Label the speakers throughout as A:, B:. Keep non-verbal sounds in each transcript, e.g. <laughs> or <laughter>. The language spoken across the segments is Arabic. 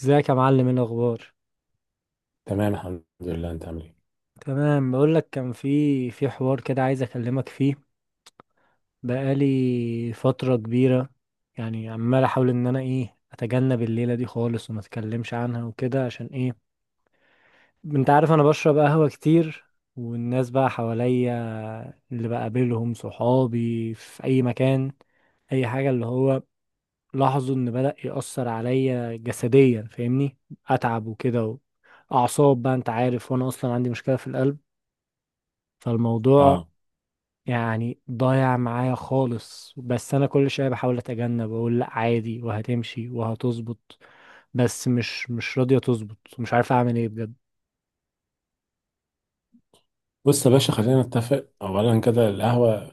A: ازيك يا معلم، ايه الاخبار؟
B: تمام، الحمد لله. انت عامل ايه؟
A: تمام، بقول لك كان في حوار كده عايز اكلمك فيه. بقالي فتره كبيره. يعني عمال احاول ان انا ايه اتجنب الليله دي خالص وما اتكلمش عنها وكده، عشان ايه؟ انت عارف انا بشرب قهوه كتير، والناس بقى حواليا، اللي بقابلهم صحابي في اي مكان، اي حاجه، اللي هو لاحظوا ان بدأ يأثر عليا جسديا، فاهمني؟ اتعب وكده، اعصاب بقى، انت عارف، وانا اصلا عندي مشكله في القلب. فالموضوع
B: اه.
A: يعني ضايع معايا خالص، بس انا كل شويه بحاول اتجنب واقول لا عادي وهتمشي وهتظبط. بس مش راضيه تظبط، ومش عارف اعمل ايه بجد.
B: بص يا باشا، خلينا نتفق اولا كده. القهوه،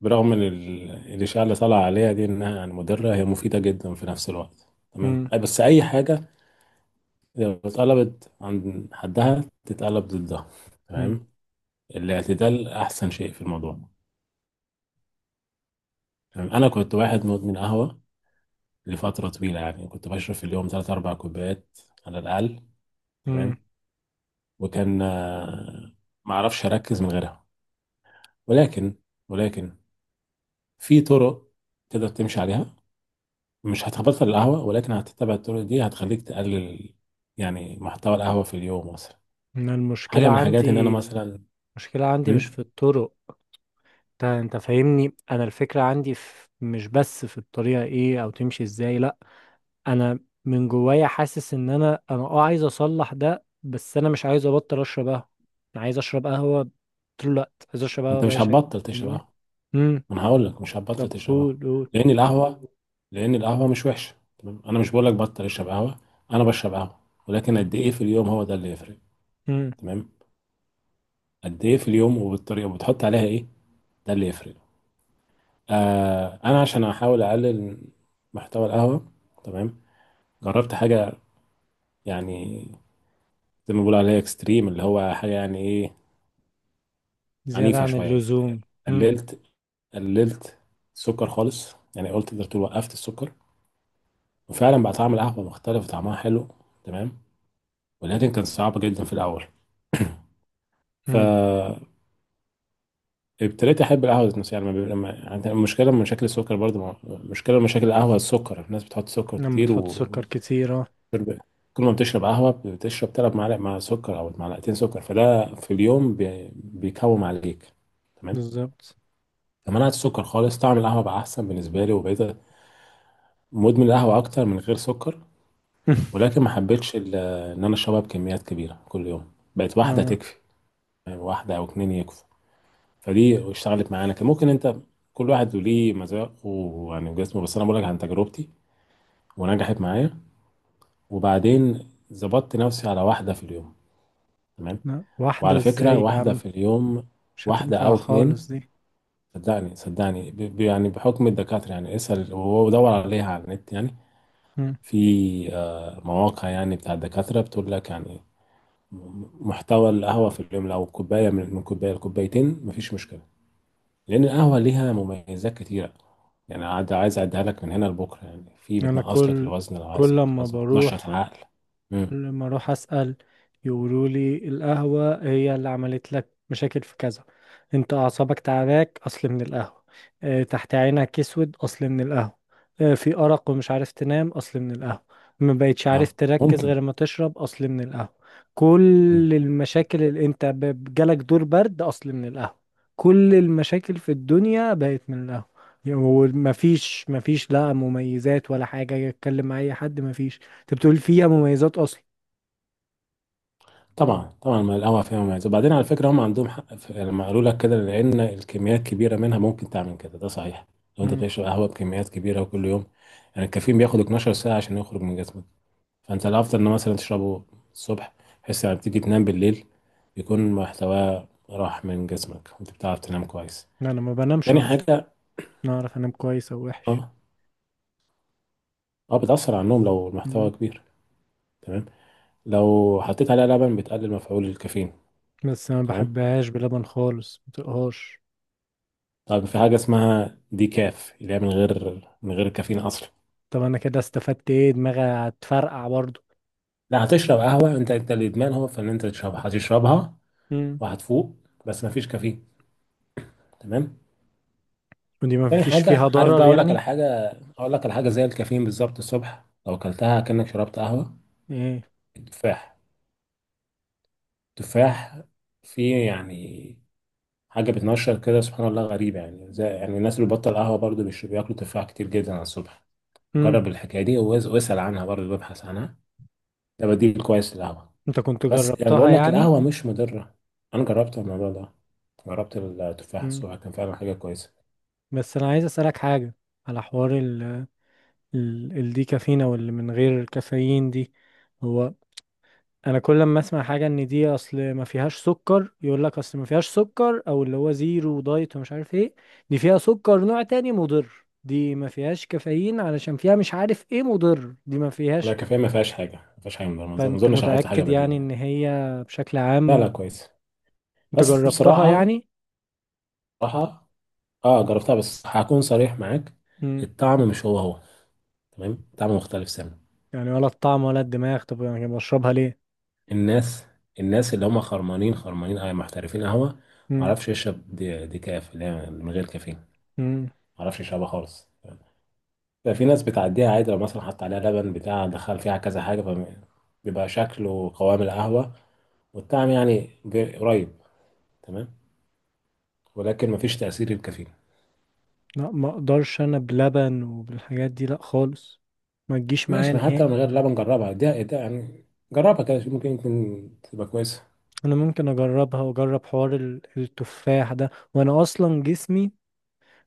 B: برغم ان الاشاعه اللي طالعه عليها دي انها يعني مضره، هي مفيده جدا في نفس الوقت. تمام.
A: مم.
B: بس اي حاجه لو اتقلبت عند حدها تتقلب ضدها.
A: مم.
B: تمام. الاعتدال احسن شيء في الموضوع. تمام. انا كنت واحد مدمن قهوه لفتره طويله، يعني كنت بشرب في اليوم 3 4 كوبايات على الاقل.
A: مم.
B: تمام. وكان ما اعرفش اركز من غيرها، ولكن ولكن في طرق تقدر تمشي عليها. مش هتبطل القهوة، ولكن هتتبع الطرق دي هتخليك تقلل يعني محتوى القهوة في اليوم مثلا.
A: انا، المشكله
B: حاجة من الحاجات إن أنا
A: عندي،
B: مثلا.
A: المشكله عندي مش في
B: مم؟
A: الطرق. انت فاهمني؟ انا الفكره عندي في، مش بس في الطريقه ايه او تمشي ازاي، لا. انا، من جوايا حاسس ان انا عايز اصلح ده، بس انا مش عايز ابطل اشرب قهوه. انا عايز اشرب قهوه، طول الوقت عايز اشرب قهوه
B: أنت
A: باي
B: مش
A: شكل.
B: هتبطل تشرب
A: فاهمني؟
B: قهوة.
A: امم.
B: ما أنا هقول لك مش هتبطل
A: طب
B: تشرب قهوة.
A: قول قول.
B: لأن القهوة لأن القهوة مش وحشة. تمام، أنا مش بقول لك بطل اشرب قهوة. أنا بشرب قهوة، ولكن قد إيه في اليوم، هو ده اللي يفرق.
A: امم.
B: تمام. قد إيه في اليوم، وبالطريقة، وبتحط عليها إيه، ده اللي يفرق. أنا عشان أحاول أقلل محتوى القهوة، تمام، جربت حاجة يعني زي ما بيقول عليها اكستريم، اللي هو حاجة يعني ايه،
A: زياده
B: عنيفة
A: عن
B: شوية.
A: اللزوم. امم.
B: قللت قللت السكر خالص. يعني قلت، تقدر تقول وقفت السكر، وفعلا بقى طعم القهوة مختلف وطعمها حلو. تمام. ولكن كان صعب جدا في الأول. <clears throat>
A: امم.
B: فابتديت أحب القهوة ذات نفسها. يعني ما بي- ما- يعني المشكلة من مشاكل السكر برضه، مشكلة من مشاكل القهوة السكر، الناس بتحط سكر
A: لما
B: كتير
A: تحط
B: و
A: سكر كتير، اه.
B: شرب- كل ما بتشرب قهوة بتشرب تلات معالق مع سكر أو معلقتين سكر، فده في اليوم بيكوم عليك. تمام.
A: بالظبط.
B: منعت السكر خالص، طعم القهوة بقى أحسن بالنسبة لي، وبقيت مدمن القهوة أكتر من غير سكر.
A: <laughs>
B: ولكن ما حبيتش إن أنا أشربها بكميات كبيرة كل يوم. بقت واحدة
A: اه.
B: تكفي، يعني واحدة أو اتنين يكفوا. فدي اشتغلت معانا. كان ممكن أنت، كل واحد له ليه مذاقه ويعني وجسمه، بس أنا بقول لك عن تجربتي، ونجحت معايا. وبعدين ظبطت نفسي على واحدة في اليوم. تمام.
A: لا، واحده
B: وعلى فكرة،
A: ازاي يا
B: واحدة
A: عم؟
B: في اليوم،
A: مش
B: واحدة
A: هتنفع
B: أو
A: خالص
B: اتنين.
A: دي.
B: صدقني، يعني بحكم الدكاترة، يعني اسأل ودور عليها على النت. يعني
A: امم.
B: في مواقع يعني بتاع الدكاترة بتقول لك يعني محتوى القهوة في اليوم لو كوباية، من كوباية لكوبايتين، مفيش مشكلة. لأن القهوة ليها مميزات كتيرة، يعني عايز أعدها لك من هنا لبكرة. يعني في،
A: انا
B: بتنقص لك
A: كل
B: الوزن لو عايز
A: كل
B: تنقص
A: لما
B: وزن، بتنشط
A: بروح
B: العقل.
A: كل
B: مم.
A: ما اروح اسال، يقولوا لي القهوه هي اللي عملت لك مشاكل في كذا. انت اعصابك تعباك، اصل من القهوه. اه، تحت عينك اسود، اصل من القهوه. اه، في ارق ومش عارف تنام، اصل من القهوه. ما بقتش عارف
B: اه،
A: تركز
B: ممكن.
A: غير ما تشرب، اصل من القهوه.
B: مم.
A: كل المشاكل اللي انت جالك دور برد، اصل من القهوه. كل المشاكل في الدنيا بقت من القهوه. ومفيش مفيش لا مميزات ولا حاجة يتكلم مع أي حد مفيش. انت بتقول فيها مميزات اصلا؟
B: طبعا طبعا، ما القهوة فيها مميزات. وبعدين على فكرة، هم عندهم حق، في يعني لما قالوا لك كده، لأن الكميات كبيرة منها ممكن تعمل كده، ده صحيح. لو أنت
A: مم.
B: بتشرب قهوة بكميات كبيرة وكل يوم، يعني الكافيين بياخد 12 ساعة عشان يخرج من جسمك. فانت الافضل ان مثلا تشربه الصبح، بحيث لما بتيجي تنام بالليل يكون محتواه راح من جسمك وانت بتعرف تنام كويس.
A: لا، انا ما بنامش
B: تاني
A: اصلا.
B: حاجه.
A: انا اعرف انام كويس او وحش.
B: اه. اه، بتاثر على النوم لو المحتوى
A: مم.
B: كبير. تمام. لو حطيت عليها لبن بتقلل مفعول الكافيين.
A: بس انا ما
B: تمام.
A: بحبهاش بلبن خالص، ما طيقهاش.
B: طب في حاجه اسمها دي كاف، اللي هي من غير كافيين اصلا.
A: طب انا كده استفدت ايه، دماغي هتفرقع برضو.
B: لا، هتشرب قهوه. انت الادمان هو في ان انت تشربها، هتشربها
A: مم.
B: وهتفوق بس مفيش كافيين. تمام.
A: ودي ما
B: تاني
A: فيش
B: حاجة،
A: فيها
B: عارف بقى
A: ضرر
B: أقول لك على
A: يعني؟
B: حاجة أقول لك على حاجة زي الكافيين بالظبط الصبح لو أكلتها كأنك شربت قهوة.
A: ايه؟
B: التفاح. التفاح فيه يعني حاجة بتنشر كده، سبحان الله، غريبة. يعني زي يعني الناس اللي بتبطل قهوة برضو بياكلوا تفاح كتير جدا على الصبح.
A: مم.
B: جرب الحكاية دي، واسأل عنها برضو، وابحث عنها. ده بديل كويس للقهوة.
A: انت كنت
B: بس يعني
A: جربتها
B: بقول لك
A: يعني؟
B: القهوة مش مضرة. أنا جربت الموضوع ده، جربت التفاح
A: مم.
B: الصبح كان فعلا حاجة كويسة.
A: بس انا عايز اسالك حاجه، على حوار ال ال الديكافينا واللي من غير كافيين دي. هو انا كل ما اسمع حاجه ان دي اصل ما فيهاش سكر، يقول لك اصل ما فيهاش سكر او اللي هو زيرو دايت ومش عارف ايه، دي فيها سكر نوع تاني مضر، دي ما فيهاش كافيين علشان فيها مش عارف ايه مضر، دي ما
B: لا،
A: فيهاش.
B: الكافيين ما فيهاش حاجة، ما فيهاش حاجة مضرة. ما
A: فانت
B: أظنش هحط حاجة
A: متاكد
B: بديلة
A: يعني ان
B: يعني.
A: هي بشكل
B: لا
A: عام؟
B: لا، كويس.
A: انت
B: بس
A: جربتها
B: بصراحة
A: يعني؟
B: بصراحة اه جربتها، بس هكون صريح معاك،
A: امم.
B: الطعم مش هو هو. تمام، طعم مختلف سنة.
A: يعني ولا الطعم ولا الدماغ، طب يعني بشربها ليه؟
B: الناس الناس اللي هم خرمانين، خرمانين محترفين قهوة،
A: امم.
B: معرفش يشرب دي كاف اللي هي من غير كافيين،
A: امم.
B: معرفش يشربها خالص. ففي ناس بتعديها عادي، لو مثلا حط عليها لبن بتاع دخل فيها كذا حاجة بيبقى شكل وقوام القهوة والطعم يعني قريب. تمام. ولكن مفيش تأثير الكافيين.
A: لا، ما اقدرش انا بلبن وبالحاجات دي، لا خالص. ما تجيش معايا
B: ماشي، ما حتى من
A: نهائي.
B: غير لبن نجربها، ده يعني، جربها كده شوف، ممكن يمكن تبقى كويسة.
A: انا ممكن اجربها واجرب حوار التفاح ده، وانا اصلا جسمي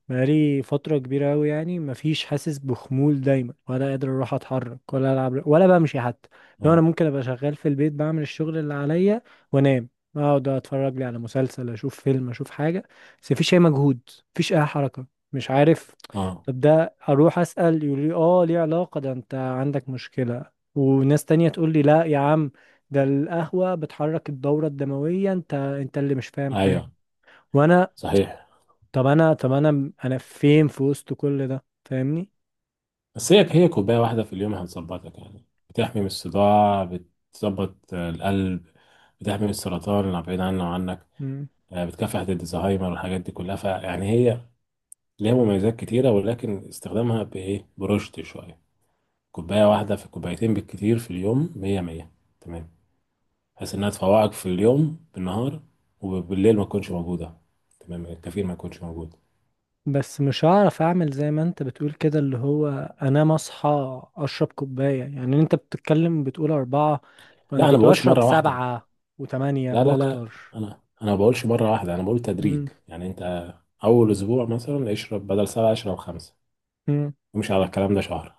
A: بقالي فترة كبيرة أوي يعني، مفيش، حاسس بخمول دايما، ولا قادر أروح أتحرك ولا ألعب ولا بمشي حتى. لو أنا
B: اه،
A: ممكن أبقى شغال في البيت، بعمل الشغل اللي عليا وأنام، أقعد أتفرج لي على مسلسل، أشوف فيلم، أشوف حاجة. بس مفيش أي مجهود، مفيش أي حركة، مش عارف.
B: اه،
A: طب ده أروح أسأل يقول لي آه ليه علاقة، ده أنت عندك مشكلة، وناس تانية تقول لي لا يا عم، ده القهوة بتحرك الدورة الدموية، أنت اللي مش فاهم حاجة.
B: ايوه،
A: وانا،
B: صحيح.
A: طب انا فين في وسط كل ده، فاهمني؟
B: بس هي كوباية واحدة في اليوم هتظبطك، يعني بتحمي من الصداع، بتظبط القلب، بتحمي من السرطان اللي بعيد عنه وعنك،
A: مم.
B: بتكافح ضد الزهايمر والحاجات دي كلها. فيعني هي ليها مميزات كتيرة، ولكن استخدامها بإيه برشد شوية. كوباية واحدة في كوبايتين بالكتير في اليوم مية مية. تمام. بحيث انها تفوقك في اليوم بالنهار، وبالليل ما تكونش موجوده. تمام، الكافيين ما يكونش موجود.
A: بس مش هعرف اعمل زي ما انت بتقول كده، اللي هو انام، اصحى اشرب كوباية، يعني انت بتتكلم بتقول 4.
B: لا،
A: انا
B: انا ما
A: كنت
B: بقولش
A: بشرب
B: مره واحده.
A: 7 و8
B: لا لا لا،
A: واكتر.
B: انا ما بقولش مره واحده. انا بقول تدريج
A: مم.
B: يعني. انت اول اسبوع مثلا اشرب بدل سبعه اشرب خمسه.
A: مم.
B: امشي على الكلام ده شهر.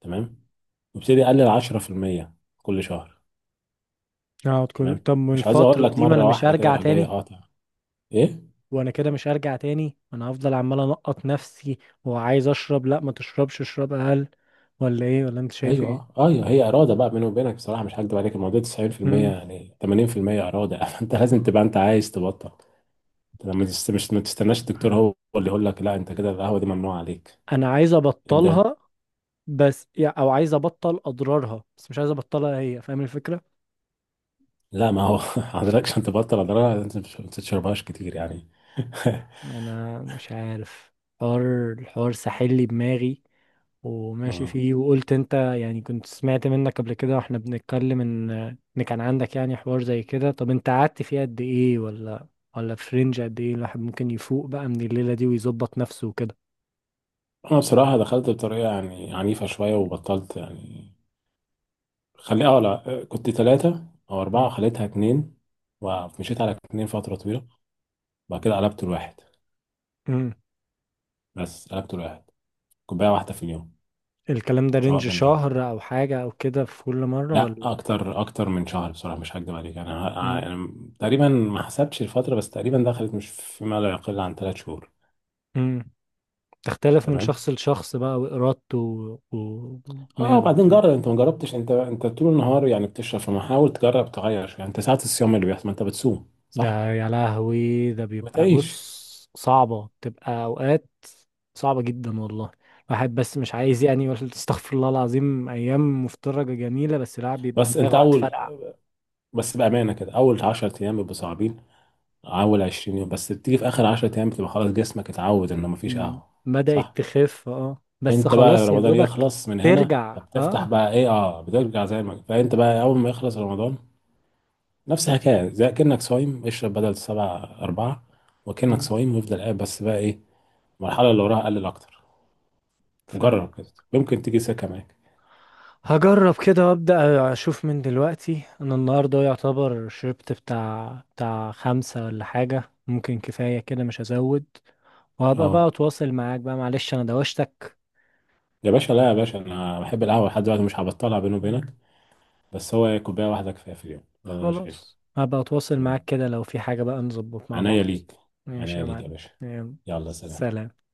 B: تمام. وابتدي اقلل 10% كل شهر.
A: اقعد كل
B: تمام.
A: طب
B: مش عايز اقول
A: والفترة
B: لك
A: دي، ما انا
B: مره
A: مش
B: واحده كده
A: هرجع
B: راح جاي
A: تاني.
B: قاطع. ايه.
A: وانا كده مش هرجع تاني، وانا هفضل عمال انقط نفسي، وعايز اشرب، لا ما تشربش اشرب اقل، ولا ايه، ولا انت شايف ايه؟
B: ايوه. اه، ايوه، هي اراده بقى بيني وبينك. بصراحه مش هكدب عليك، الموضوع 90%،
A: مم.
B: يعني 80% اراده. <laughs> انت لازم تبقى انت عايز تبطل. أنت لما تست... مش ما تستناش الدكتور هو اللي يقول لك لا انت كده القهوه دي ممنوع عليك.
A: انا عايز
B: ابدا.
A: ابطلها. بس او عايز ابطل اضرارها، بس مش عايز ابطلها هي، فاهم الفكره؟
B: لا ما هو، <laughs> حضرتك عشان تبطل اضرارها انت ما تشربهاش كتير يعني. <laughs>
A: انا مش عارف. الحوار ساحل لي دماغي، وماشي
B: اه،
A: فيه، وقلت انت يعني كنت سمعت منك قبل كده واحنا بنتكلم ان، ان كان عندك يعني حوار زي كده، طب انت قعدت فيه قد ايه، ولا ولا في رينج قد ايه الواحد ممكن يفوق بقى من الليله دي ويظبط نفسه وكده؟
B: انا بصراحه دخلت بطريقه يعني عنيفه شويه وبطلت يعني. خلي اه لا، كنت ثلاثه او اربعه،
A: مم.
B: خليتها اتنين. ومشيت على اتنين فتره طويله. بعد كده قلبت الواحد،
A: مم.
B: بس قلبت الواحد، كوبايه واحده في اليوم،
A: الكلام ده
B: سواء
A: رينج
B: بالنهار.
A: شهر او حاجه او كده في كل مره،
B: لا،
A: ولا؟
B: اكتر من شهر. بصراحه مش هكدب عليك، يعني انا ه-
A: مم.
B: أنا تقريبا ما حسبتش الفتره، بس تقريبا دخلت مش فيما لا يقل عن ثلاث شهور.
A: مم. تختلف من
B: تمام.
A: شخص لشخص بقى، وإرادته
B: اه
A: ودماغه
B: وبعدين
A: كده.
B: جرب انت، ما جربتش انت طول النهار يعني بتشرب، فما حاول تجرب تغير شويه. انت ساعات الصيام اللي بيحصل، ما انت بتصوم
A: ده
B: صح،
A: يا لهوي، ده
B: ما
A: بيبقى،
B: تعيش.
A: بص، صعبة بتبقى أوقات، صعبة جدا والله. الواحد بس مش عايز يعني يقول <laughs> استغفر الله العظيم، أيام مفترجة جميلة، بس لا بيبقى
B: بس انت
A: دماغه
B: اول
A: هتفرقع.
B: بس بامانه كده، اول 10 ايام بيبقوا صعبين، اول 20 يوم، بس بتيجي في اخر 10 ايام بتبقى خلاص جسمك اتعود انه ما فيش
A: م-
B: قهوه.
A: بدأت
B: صح.
A: تخف، اه، بس
B: انت بقى
A: خلاص يا
B: رمضان
A: دوبك.
B: يخلص من هنا،
A: ترجع،
B: فبتفتح
A: اه.
B: بقى ايه اه بترجع زي ما، فانت بقى اول ما يخلص رمضان نفس الحكايه، زي كأنك صايم، اشرب بدل سبعة أربعة، وكأنك
A: م.
B: صايم، وافضل قاعد بس بقى ايه المرحله اللي وراها قلل اكتر.
A: فاهم.
B: جرب كده يمكن تيجي سكه معاك.
A: هجرب كده وابدا اشوف من دلوقتي، انا النهارده يعتبر شربت بتاع 5 ولا حاجة، ممكن كفاية كده مش هزود. وهبقى بقى
B: اه
A: اتواصل معاك بقى، معلش انا دوشتك.
B: يا باشا، لا يا باشا، انا بحب القهوه
A: مم.
B: لحد دلوقتي، مش هبطلها بيني وبينك.
A: مم.
B: بس هو إيه، كوبايه واحده كفايه في اليوم، ده اللي انا شايفه.
A: خلاص، هبقى اتواصل معاك
B: تمام.
A: كده، لو في حاجة بقى نظبط مع
B: عناية
A: بعض.
B: ليك.
A: ماشي
B: عناية
A: يا
B: ليك يا
A: معلم.
B: باشا.
A: يلا،
B: يلا، سلام.
A: سلام.